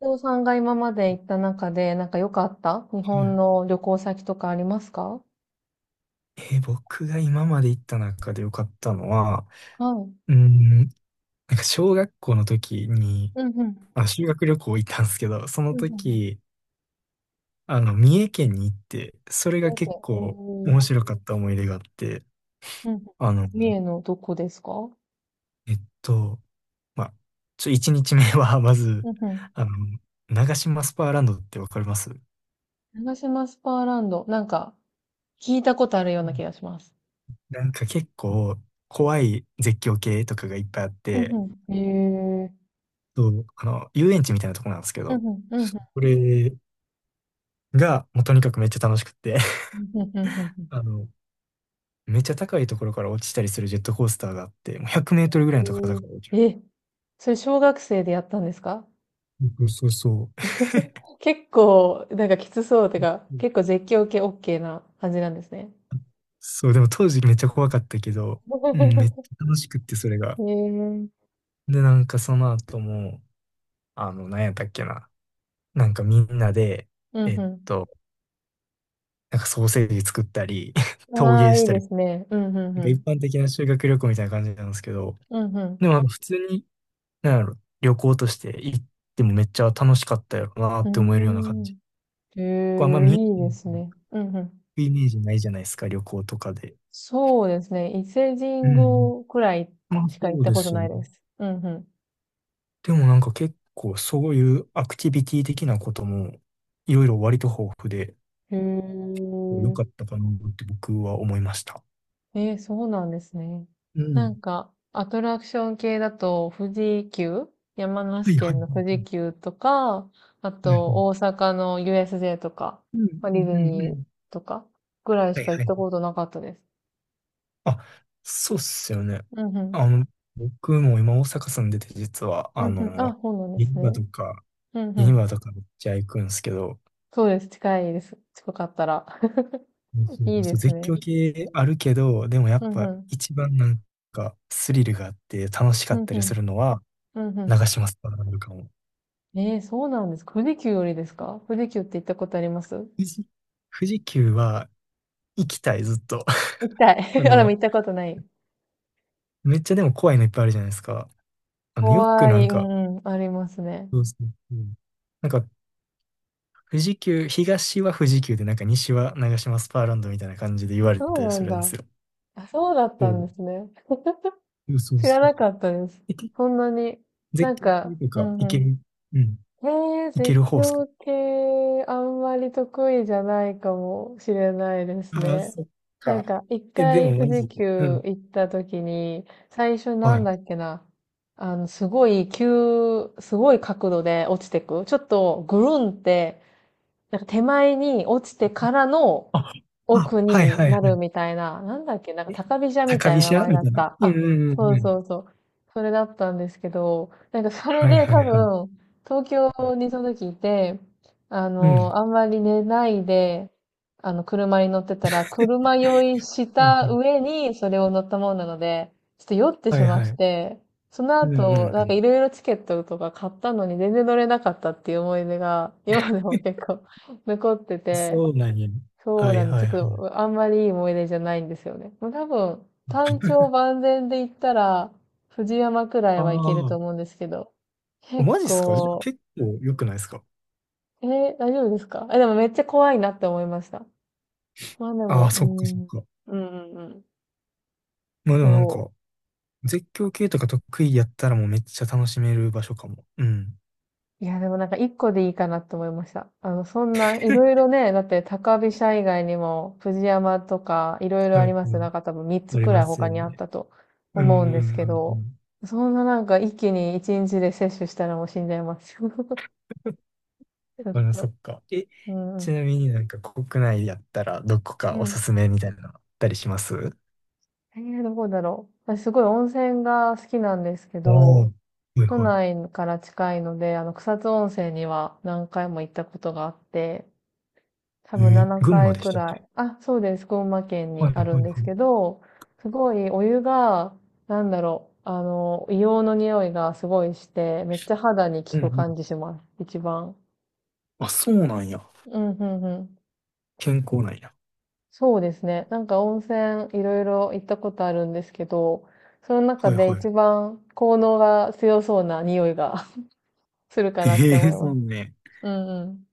瀬尾さんが今まで行った中で、なんか良かった日う本んの旅行先とかありますか？えー僕が今まで行った中で良かったのは、はい。うーん、なんか小学校の時に、うんうん。あ、修学旅行行ったんですけど、そのうんうんうん。時、三重県に行って、それ三が結重県。構う面ん。白かった思い出があって、うん。あの、三重のどこですか？うえっと、まあ、一日目は まず、んうん。あの、長島スパーランドってわかります？う長島スパーランド。なんか、聞いたことあるような気がん。します。なんか結構怖い絶叫系とかがいっぱいあっうて、んうん。へえ。そう遊園地みたいなとこなんですけうど、んうんうんうん。それが、もうとにかくめっちゃ楽しくって うんうんうんうあの、めっちゃ高いところから落ちたりするジェットコースターがあって、もう100メートルぐらいの高さから落ちん。る。へえ。え、それ小学生でやったんですか？ そうそうそ 結構、なんかきつそうてう。か、うん。結構絶叫系 OK な感じなんですね。そう、でも当時めっちゃ怖かったけど、うん、めっち ゃ楽しくって、それが。へえ。うんで、なんかその後も、なんやったっけな。なんかみんなで、えっうと、なんかソーセージ作ったり、ん。陶ああ、芸いしいたでり、すね。うんうんなんうかん。一般的な修学旅行みたいな感じなんですけど、うんでもなんか普通になんやろ、旅行として行ってもめっちゃ楽しかったやろなうって思えるような感ん。うじ。ーん。結構あんまへえ、見、いいうですね。うんうん。イメージないじゃないですか、旅行とかで。そうですね。伊勢神うんうん。宮くらいまあそしか行っうたでことすよなね。いです。うんでもなんか結構そういうアクティビティ的なこともいろいろ割と豊富でうん。へ良かったかなって僕は思いました。え。えー、そうなんですね。うなん。んか、アトラクション系だと、富士急、山は梨いはい県の富士は急とか、あい。はと、大い。阪の USJ とか、うんまあディズうんうんうニーん。とか、ぐらいはしいか行はったい。ことなかったです。あ、そうっすよね。うんうん。あの、僕も今大阪住んでて実は、うんうん。あ、そうなんです銀座ね。とかうんうん。今とかめっちゃ行くんすけど、そうです。近いです。近かったら。そ いいうでそうす絶ね。叫系あるけど、でもやうっんうぱん。一番なんかスリルがあって楽しかうっんたうりすん。るのはうんうん。長島スパランドかも。ええ、そうなんです。富士急よりですか？富士急って行ったことあります？富士、富士急は行きたい、ずっと。行きたい。あ あ、でもの、行ったことない。めっちゃでも怖いのいっぱいあるじゃないですか。よく怖ない。んうか、んうん。ありますね。そうそうそう。なんか富士急、東は富士急でなんか西は長島スパーランドみたいな感じで言われそたうりなすんるんでだ。すよ。あ、そうだっそたんう、ですね。そうそう知らそう。なかったです。えけそんなに、絶なん叫か、系とうかん行うけん。る、うん、へえー、行け絶る方っすか？叫系、あんまり得意じゃないかもしれないですああ、ね。そっなんか。か、一え、で回もマ富士ジで。う急ん。行った時に、最初なはんい。だっけな。あの、すごい急、すごい角度で落ちてく。ちょっとぐるんって、なんか手前に落ちてからのあ、あ、奥はいにはいはなるみたいな、なんだっけ、なんかい。え、高飛車み高たい飛な名車前だみったいな。た。うんあ、うんうそんううそん。うそう。それだったんですけど、なんかそれはいではい多はい。分、東京にその時いて、あうん。はの、あいんまり寝ないで、あの、車に乗ってたら、車酔いしはたい。上にそれを乗ったもんなので、ちょっと酔ってしはいまはっい。て、そのうんうん後、うなんかん。いろいろチケットとか買ったのに全然乗れなかったっていう思い出が、今でもえ、結構残ってて、そうなんや。そうはいなんではす、いちはょい。っとあんまりいい思い出じゃないんですよね。もう多分、単調万全で言ったら、藤山くらいあはいけると思うんですけど、あ、結マジっすか？じゃあ構、結構良くないですか？えー大丈夫ですか？え、でもめっちゃ怖いなって思いました。まあであも、あ、うそっかそん、っうん、か。うんうん。まあでもなんそか、う。絶叫系とか得意やったらもうめっちゃ楽しめる場所かも。うん。いや、でもなんか一個でいいかなと思いました。あの、そんな、いろいろね、だって高飛車以外にも、藤山とか、いろいろうありんまうす、なん。んか多分3つありくらまいす他よにあっね。たとうんう思んうんですうけんうど、ん。そんななんか一気に1日で摂取したらもう死んじゃいます。ちょあっら、そと。っか。え、うんうちん。なみになんか国内やったらどこうかおん。すすめみたいなのあったりします？えー、どこだろう。私すごい温泉が好きなんですけおあ、ど、はい都はい。内から近いので、あの、草津温泉には何回も行ったことがあって、多分7群馬回でしくたっらい。け？あ、そうです。群馬県はにいあはいるはんい。ですけど、すごいお湯が、なんだろう、あの、硫黄の匂いがすごいして、めっちゃ肌にうん効くうん。感じします。一番。あ、そうなんや。うん、うん、うん。健康なんや。そうですね。なんか温泉いろいろ行ったことあるんですけど、その中はいでは一い。番効能が強そうな匂いが するかえなって思えいそまうす。ね。うんうん。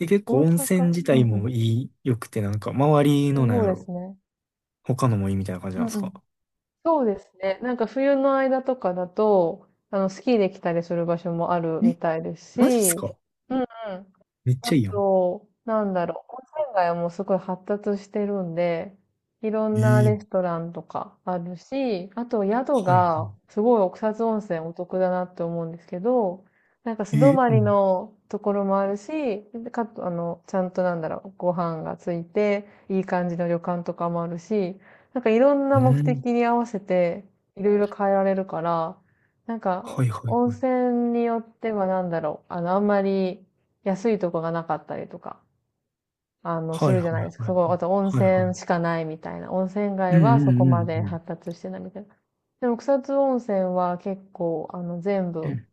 で、結大構温泉阪、自うん体うもん。良くて、なんか、周りのなそんうやでろ。すね。他のもいいみたいな感じなんうでんすうか？ん。そうですね。なんか冬の間とかだと、あの、スキーできたりする場所もあるみえ、たいですマジっし、すか？うんうん。めっあちゃいいやん。と、なんだろう、温泉街はもうすごい発達してるんで、いろんなえレスえ。トランとかあるし、あと宿はいはが、すごい奥津温泉お得だなって思うんですけど、なんか素い。泊ええ。まうりん。のところもあるし、かと、あの、ちゃんとなんだろう、ご飯がついて、いい感じの旅館とかもあるし、なんかいろんうな目ん。的に合わせて、いろいろ変えられるから、なんか、はいはい温はい。泉によってはなんだろう、あの、あんまり、安いとこがなかったりとか、あの、すはいるはじゃいないですか。はいはそこ、あい。と温はいは泉い。しかないみたいな。温泉う街んはうそこんまうでん発達してないみたいな。でも草津温泉は結構、あの、全う部ん。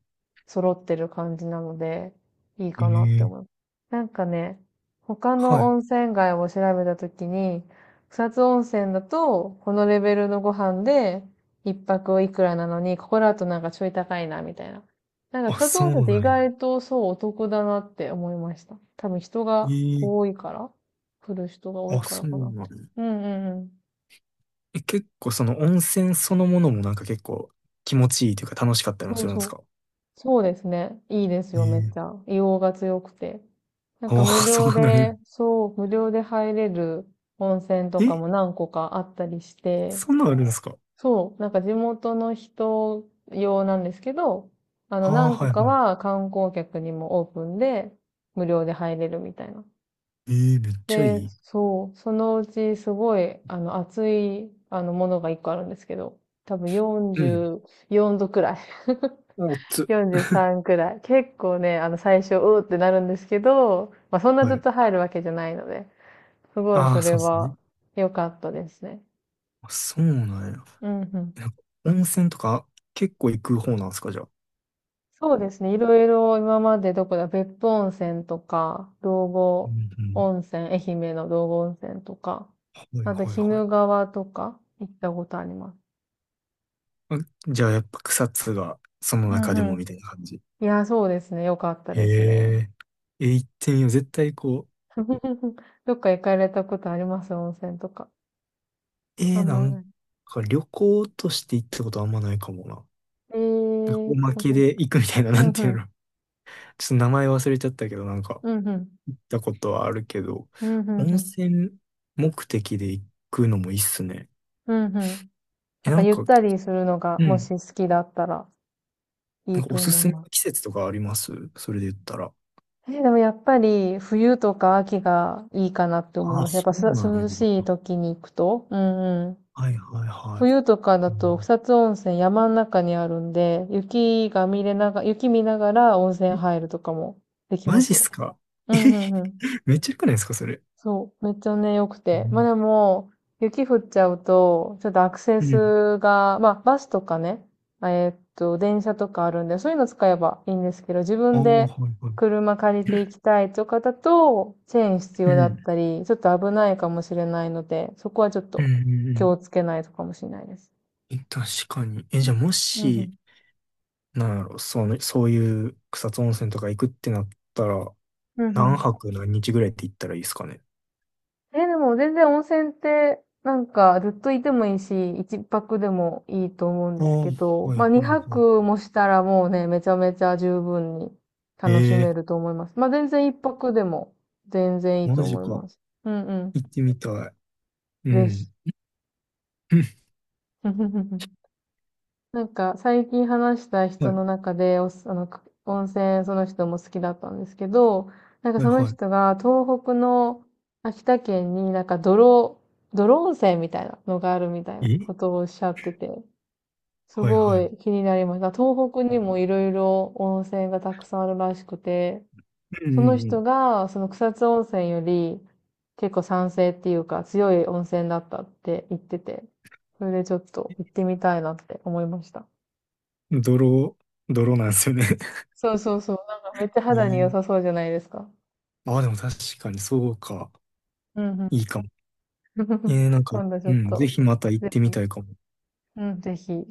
揃ってる感じなので、いいかなってえ思う。え。なんかね、他のはい。温泉街を調べたときに、草津温泉だと、このレベルのご飯で、一泊いくらなのに、ここだとなんかちょい高いな、みたいな。なんかあ、草津そ温泉っうてな意んや。外とそうお得だなって思いました。多分人がえ多え。いから、来る人が多いあ、からそうかなっなて。んや。うんうんうん。え、結構その温泉そのものもなんか結構気持ちいいというか楽しかったりもそすうるんでそすう。か？そうですね。いいですよ、めっちええ。ゃ。硫黄が強くて。なんあかあ、無そ料うなんや。で、そう、無料で入れる温泉とえ、かも何個かあったりして、そんなんあるんですか？そう、なんか地元の人用なんですけど、あのああ、何は個いかはい。は観光客にもオープンで無料で入れるみたいな。ええ、めっちゃいで、い。そう、そのうちすごい、あの、熱い、あの、ものが一個あるんですけど、多分うん。44度くらい、おつ。43くらい。結構ね、あの、最初、うーってなるんですけど、まあ、そんなはずっい。と入るわけじゃないので、すごいあそあ、れそうですね。は良かったですね。あ、そうなんや。うんうん。え、なんか温泉とか結構行く方なんですか、じゃあ？そうですね、いろいろ今までどこだ、別府温泉とか、道う後んうん。温泉、愛媛の道後温泉とか、はいあと、鬼はいはい。怒川とか行ったことあります。あ、じゃあやっぱ草津がそのう中んでうもみたいな感じ。ん。いや、そうですね。よかったへですね。え。え、行ってみよう。絶対こ どっか行かれたことあります？温泉とか。う、あんなまんない。か旅行として行ったことあんまないかもな。ええなんかー、おま本当けですでか。行くみたいな、うなんんうていうの。ん。ちょっと名前忘れちゃったけど、なんかうんうん。行ったことはあるけど、うんうん温うん。泉目的で行くのもいいっすね。うんうん。え、なんなかんゆっか、たりするのがうもん。し好きだったらいないんかとおす思いすめます。の季節とかあります、それで言ったら？えーでもやっぱり冬とか秋がいいかなって思いあ、ます。やっそぱうすなんや。涼しい時に行くと。うんうん。はいはいはい。冬とかだうとん。草津温泉山の中にあるんで、雪が見れなが、雪見ながら温泉え、入るとかもできマまジすっよ。すか？うえ、んうんうん。めっちゃ良くないですか、それ？そう。めっちゃね、良くうて。まあん。でも、雪降っちゃうと、ちょっとアクセうん。スが、まあバスとかね、電車とかあるんで、そういうの使えばいいんですけど、自ああ、分はでいはい。車借りて行きたいとかだと、チェーン必う要だっん。たり、ちょっと危ないかもしれないので、そこはちょっうん。とう気んをつけないとかもしれないです。うん。確かに。え、じゃあもうんうし、んなんやろ、そういう草津温泉とか行くってなったら、うんう何ん。泊何日ぐらいって行ったらいいですかね？え、でも全然温泉って、なんかずっといてもいいし、一泊でもいいと思うんあですあ、はけいど、はいまあ二は泊もしたらもうね、めちゃめちゃ十分に楽しい。めええると思います。まあ全然一泊でも全然いいーとマジ思いか。ます。うんうん。行ってみたい。うぜひ。ん。なんか最近話したうん、人はい、の中でおす、あの、く温泉その人も好きだったんですけど、なんかはいそのは人が東北の秋田県になんか泥、泥温泉みたいなのがあるみたいえない。え、ことをおっしゃってて、すはいはごい、い気になりました。東北にもいろいろ温泉がたくさんあるらしくて、うんそのう人んがその草津温泉より結構酸性っていうか強い温泉だったって言ってて、それでちょっと行ってみたいなって思いました。うん。泥なんですよね。そうそうそう。なんかめっちゃ肌に良さ ええ。そうじゃないですか。ああ、でも確かにそうか。うんうん。いいかも。なんか、今度ちうょっん、ぜと、ひまた行っぜてひ、みたいかも。うん、ぜひ。